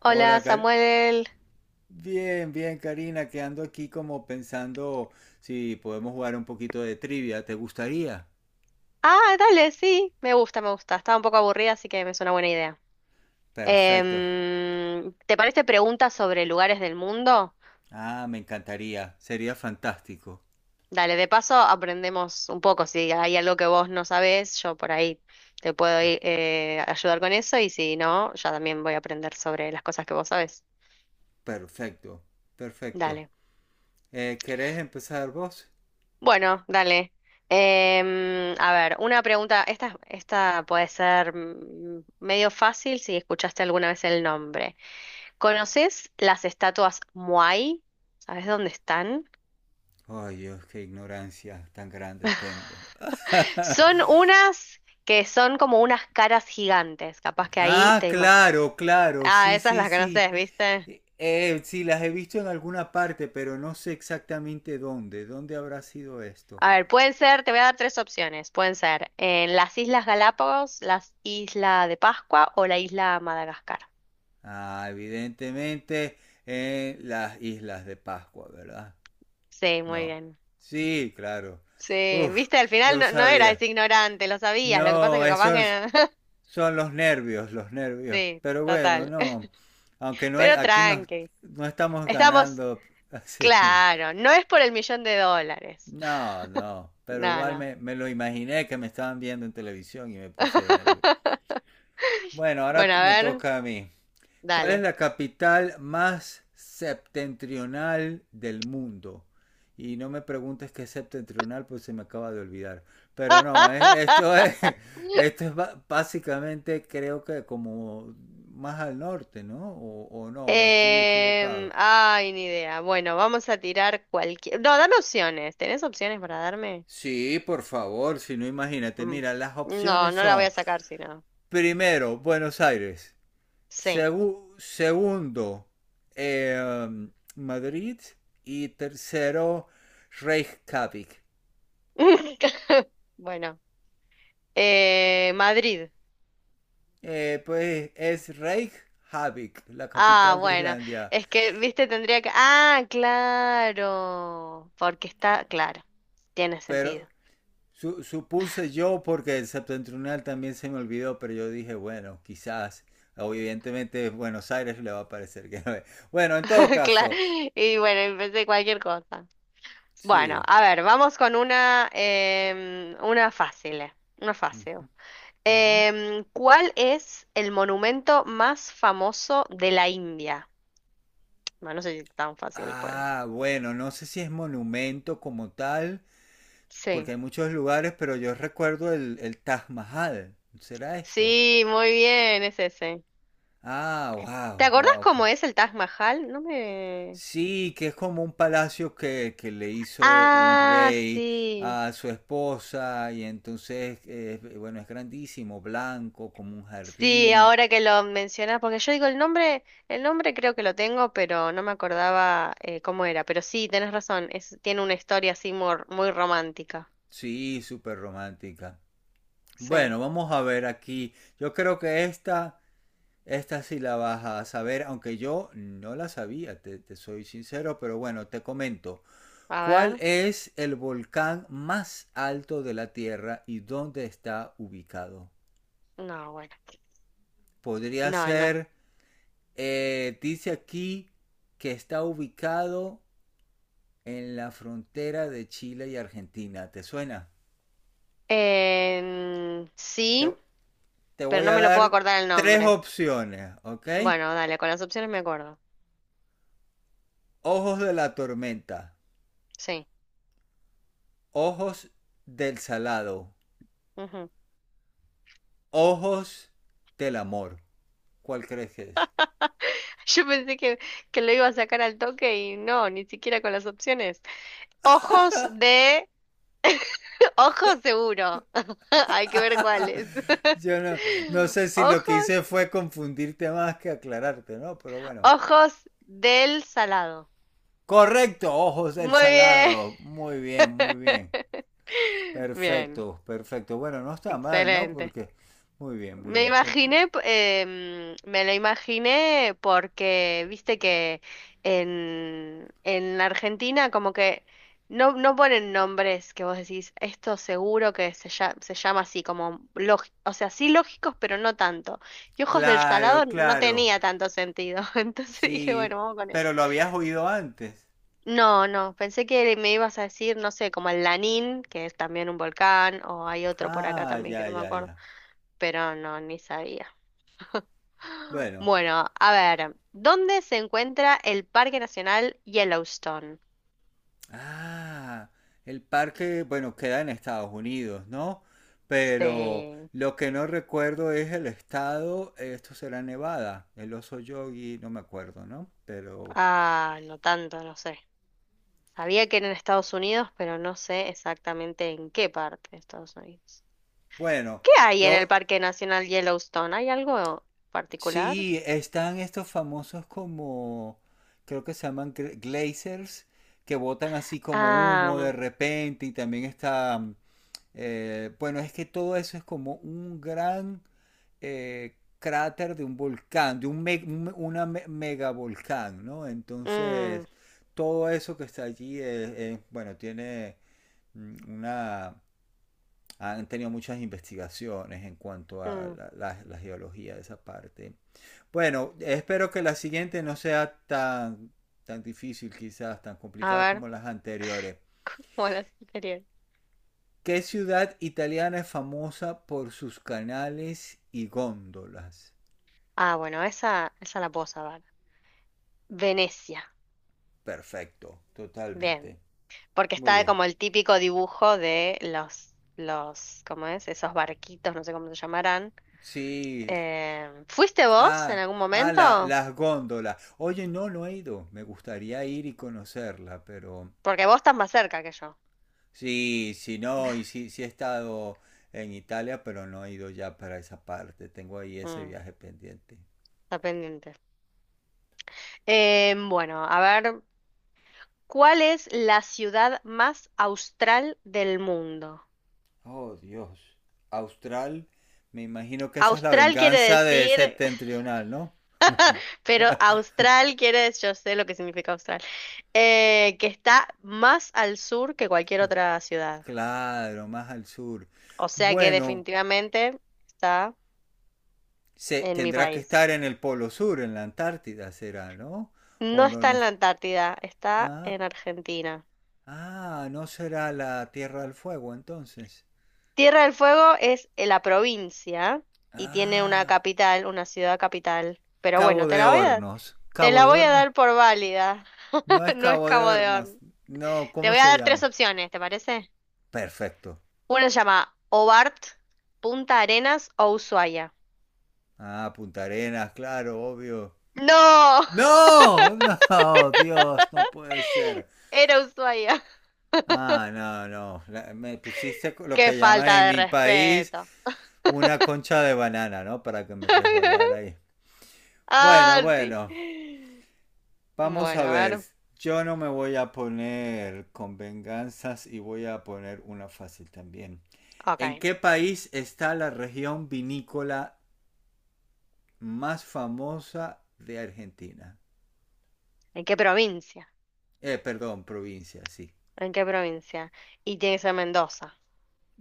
Hola Hola, Samuel. bien, bien, Karina, que ando aquí como pensando si podemos jugar un poquito de trivia. ¿Te gustaría? Ah, dale, sí, me gusta, me gusta. Estaba un poco aburrida, así que me suena buena idea. Perfecto. ¿Te parece preguntas sobre lugares del mundo? Ah, me encantaría. Sería fantástico. Dale, de paso aprendemos un poco. Si hay algo que vos no sabés, yo por ahí te puedo ir, ayudar con eso y si no, ya también voy a aprender sobre las cosas que vos sabés. Perfecto, perfecto. Dale. ¿Querés empezar vos? Bueno, dale. A ver, una pregunta. Esta puede ser medio fácil si escuchaste alguna vez el nombre. ¿Conoces las estatuas Muay? ¿Sabes dónde están? Ay, Dios, qué ignorancia tan grande tengo. Son unas que son como unas caras gigantes. Capaz que ahí Ah, te imaginas. claro, claro, Ah, sí, esas sí, las sí. conoces, ¿viste? Sí, las he visto en alguna parte, pero no sé exactamente dónde. ¿Dónde habrá sido esto? A ver, pueden ser, te voy a dar tres opciones. Pueden ser en las Islas Galápagos, las Isla de Pascua o la Isla Madagascar. Ah, evidentemente en las Islas de Pascua, ¿verdad? Sí, muy No. bien. Sí, claro. Sí, Uf, viste, al final yo no, no eras sabía. ignorante, lo sabías. Lo que pasa es No, que capaz esos que no. son los nervios, los nervios. Sí, Pero bueno, total. no. Aunque no hay, Pero aquí no, tranqui. no estamos Estamos. ganando así. Claro, no es por el millón de dólares. No, no. Pero No, igual no. me lo imaginé que me estaban viendo en televisión y me puse de nervio. Bueno, ahora Bueno, a me ver, toca a mí. ¿Cuál es dale. la capital más septentrional del mundo? Y no me preguntes qué es septentrional, pues se me acaba de olvidar. Pero no, esto es, esto es básicamente creo que como más al norte, ¿no? O no, o estoy equivocado. ay, ni idea. Bueno, vamos a tirar cualquier... No, dame opciones. ¿Tenés opciones para darme? Sí, por favor, si no imagínate. Mm. Mira, las No, opciones no la voy son, a sacar si no. primero, Buenos Aires. Sí. Segundo, eh, Madrid. Y tercero, Reykjavik. Bueno. Madrid. Pues es Reykjavik, la Ah, capital de bueno. Islandia. Es que, viste, tendría que... Ah, claro. Porque está... Claro. Tiene sentido. Pero supuse yo, porque el septentrional también se me olvidó, pero yo dije, bueno, quizás, evidentemente Buenos Aires le va a parecer que no es. Bueno, en todo Claro. caso, Y bueno, empecé cualquier cosa. Bueno, sí. a ver, vamos con una, una fácil, una fácil. Ujú, ujú. ¿Cuál es el monumento más famoso de la India? Bueno, no sé si es tan fácil, pues. Ah, bueno, no sé si es monumento como tal, porque Sí. hay muchos lugares, pero yo recuerdo el Taj Mahal. ¿Será esto? Sí, muy bien, es ese. Ah, ¿Te wow, acordás wow. Ok. cómo es el Taj Mahal? No me... Sí, que es como un palacio que le hizo un Ah, rey sí. a su esposa y entonces, bueno, es grandísimo, blanco, como un Sí, jardín. ahora que lo mencionas, porque yo digo el nombre creo que lo tengo, pero no me acordaba cómo era. Pero sí, tenés razón, es, tiene una historia así muy, muy romántica. Sí, súper romántica. Sí, Bueno, vamos a ver aquí. Yo creo que esta sí la vas a saber, aunque yo no la sabía, te soy sincero, pero bueno, te comento. a ¿Cuál ver, es el volcán más alto de la Tierra y dónde está ubicado? no, bueno, Podría no. ser, dice aquí que está ubicado en la frontera de Chile y Argentina. ¿Te suena? Sí, Te, te pero voy no a me lo puedo dar acordar el tres nombre. opciones, ¿ok? Bueno, dale, con las opciones me acuerdo. Ojos de la tormenta, Sí. ojos del salado, Ujú. ojos del amor. ¿Cuál crees que es? Yo pensé que lo iba a sacar al toque y no, ni siquiera con las opciones. Ojos de Ojos seguro. Hay que ver cuáles. Yo no, no sé si lo que Ojos, hice fue confundirte más que aclararte, ¿no? Pero bueno. ojos del salado. Correcto, ojos del Muy bien. salado. Muy bien, muy bien. Bien, Perfecto, perfecto. Bueno, no está mal, ¿no? excelente. Porque... Muy bien, muy Me bien. Imaginé, me lo imaginé porque, viste que en Argentina como que no, no ponen nombres que vos decís, esto seguro que se, lla- se llama así, como lógi- o sea, sí lógicos, pero no tanto. Y Ojos del Salado Claro, no claro. tenía tanto sentido, entonces dije, bueno, Sí, vamos con eso. pero lo habías oído antes. No, no, pensé que me ibas a decir, no sé, como el Lanín, que es también un volcán, o hay otro por acá Ah, también que ya, no me ya, acuerdo, ya. pero no, ni sabía. Bueno, Bueno, a ver, ¿dónde se encuentra el Parque Nacional Yellowstone? ah, el parque, bueno, queda en Estados Unidos, ¿no? Pero Sí. lo que no recuerdo es el estado, esto será Nevada, el oso Yogi, no me acuerdo, ¿no? Pero Ah, no tanto, no sé. Sabía que era en Estados Unidos, pero no sé exactamente en qué parte de Estados Unidos. bueno, ¿Qué hay en el yo Parque Nacional Yellowstone? ¿Hay algo particular? sí, están estos famosos como, creo que se llaman glazers, que botan así como humo de Ah, repente y también está eh, bueno, es que todo eso es como un gran cráter de un volcán, de un megavolcán, ¿no? mm, Entonces, todo eso que está allí, es, bueno, tiene una... Han tenido muchas investigaciones en cuanto a mm, la geología de esa parte. Bueno, espero que la siguiente no sea tan, tan difícil, quizás tan a complicada ver, como las anteriores. bueno, sería. ¿Qué ciudad italiana es famosa por sus canales y góndolas? Ah, bueno, esa la puedo saber. Venecia. Perfecto, Bien. totalmente. Porque Muy está bien. como el típico dibujo de los, ¿cómo es? Esos barquitos, no sé cómo se llamarán. Sí. ¿Fuiste vos en Ah, algún ah momento? las góndolas. Oye, no, no he ido. Me gustaría ir y conocerla, pero... Porque vos estás más cerca que yo. Sí, sí, no, y sí, sí he estado en Italia, pero no he ido ya para esa parte. Tengo ahí ese Mm, viaje pendiente. está pendiente. Bueno, a ver, ¿cuál es la ciudad más austral del mundo? Oh, Dios. Austral, me imagino que esa es la Austral quiere venganza de decir, septentrional, ¿no? pero austral quiere decir, yo sé lo que significa austral, que está más al sur que cualquier otra ciudad. Claro, más al sur. O sea que Bueno, definitivamente está se, en mi tendrá que país. estar en el Polo Sur, en la Antártida será, ¿no? No O no, está no en es- la Antártida, está ah, en Argentina. ah, no será la Tierra del Fuego entonces. Tierra del Fuego es la provincia y tiene una Ah, capital, una ciudad capital. Pero bueno, Cabo de Hornos. te Cabo la de voy a Hornos. dar por válida. No es No es Cabo de Cabo Hornos. Horn. No, Te ¿cómo voy a se dar tres llama? opciones, ¿te parece? Perfecto. Una se llama Hobart, Punta Arenas o Ushuaia. Ah, Punta Arenas, claro, obvio. ¡No! No, no, Dios, no puede ser. Era Ushuaia. Ah, no, no. Me pusiste lo ¡Qué que llaman falta en de mi país respeto! una concha de banana, ¿no? Para que me resbalara ahí. Bueno, Ah, sí. bueno. Vamos a Bueno, a ver. ver. Yo no me voy a poner con venganzas y voy a poner una fácil también. ¿En Ok. qué país está la región vinícola más famosa de Argentina? ¿En qué provincia? Perdón, provincia, sí. ¿En qué provincia? Y tiene que ser Mendoza.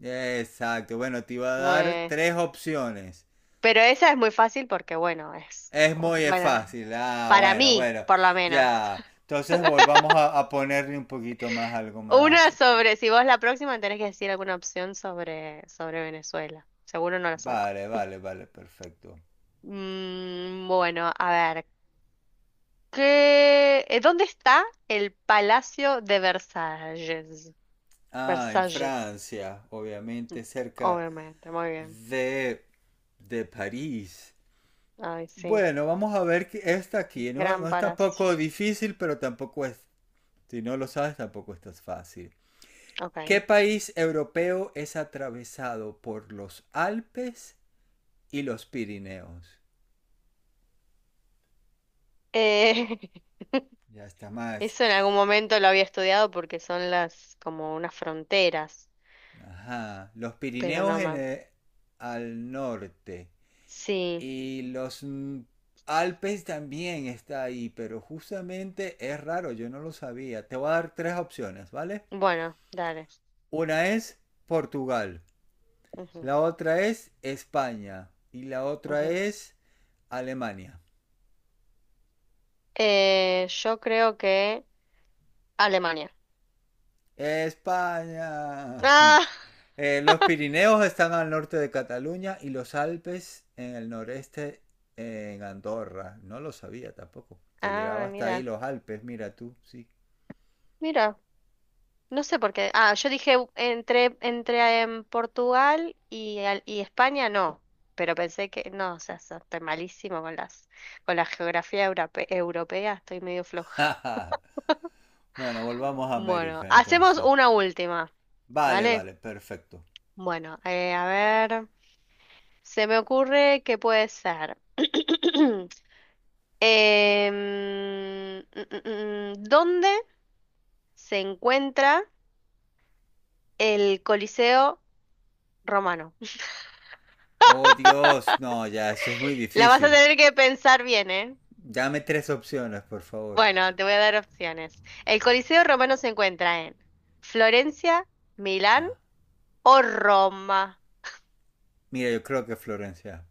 Exacto. Bueno, te iba a dar Muy- tres opciones. Pero esa es muy fácil porque, bueno, es. Es muy Bueno, fácil. Ah, para bueno, mí, bueno. por lo menos. Ya. Entonces volvamos a ponerle un poquito más, algo Una más. sobre. Si vos la próxima tenés que decir alguna opción sobre Venezuela. Seguro no la saco. Vale, vale, vale, perfecto. Mm, bueno, a ver. ¿Dónde está el Palacio de Versalles? Ah, en Versalles. Francia, obviamente cerca Obviamente, muy bien. de, de París. Ay, sí. Bueno, vamos a ver que esta aquí. No, no Gran es Parás. tampoco difícil, pero tampoco es. Si no lo sabes, tampoco esto es tan fácil. ¿Qué Ok. país europeo es atravesado por los Alpes y los Pirineos? Eh, Ya está más. eso en algún momento lo había estudiado porque son las como unas fronteras, Ajá. Los pero Pirineos no me... al norte. Sí, Y los Alpes también está ahí, pero justamente es raro, yo no lo sabía. Te voy a dar tres opciones, ¿vale? bueno, dale. Una es Portugal, Ujú, la otra es España y la otra ujú. es Alemania. Yo creo que Alemania. España. Ah, los Pirineos están al norte de Cataluña y los Alpes en el noreste en Andorra. No lo sabía tampoco. Que llegaba ah, hasta ahí mira, los Alpes, mira tú, sí. mira. No sé por qué. Ah, yo dije entre, entre Portugal y, y España, no. Pero pensé que, no, o sea, estoy malísimo con las, con la geografía europea, estoy medio floja. Bueno, volvamos a Bueno, América hacemos entonces. una última, Vale, ¿dale? vale, perfecto. Bueno, a ver, se me ocurre que puede ser. ¿Dónde se encuentra el Coliseo Romano? Oh Dios, no, ya, eso es muy La vas a difícil. tener que pensar bien, ¿eh? Dame tres opciones, por favor. Bueno, te voy a dar opciones. El Coliseo Romano se encuentra en Florencia, Milán Ah, o Roma. mira, yo creo que Florencia.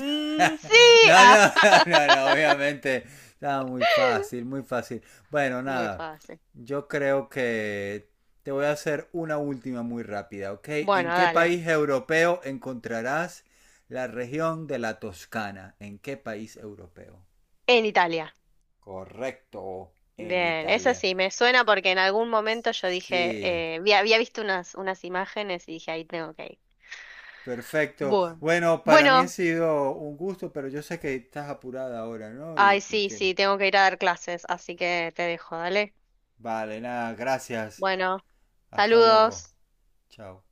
Mm, sí, No, Ah, no, no, no, obviamente. Estaba muy fácil, muy fácil. Bueno, muy nada. fácil. Yo creo que te voy a hacer una última muy rápida, ¿ok? Bueno, ¿En qué dale. país europeo encontrarás la región de la Toscana? ¿En qué país europeo? En Italia. Correcto, en Bien, eso Italia. sí, me suena porque en algún momento yo dije, Sí, había visto unas, unas imágenes y dije, ahí tengo que ir. perfecto. Bueno, Bueno, para mí ha Bueno, sido un gusto, pero yo sé que estás apurada ahora, ¿no? ay, Y sí, te... sí, tengo que ir a dar clases, así que te dejo, dale. Vale, nada, gracias. Bueno, Hasta luego. saludos. Chao.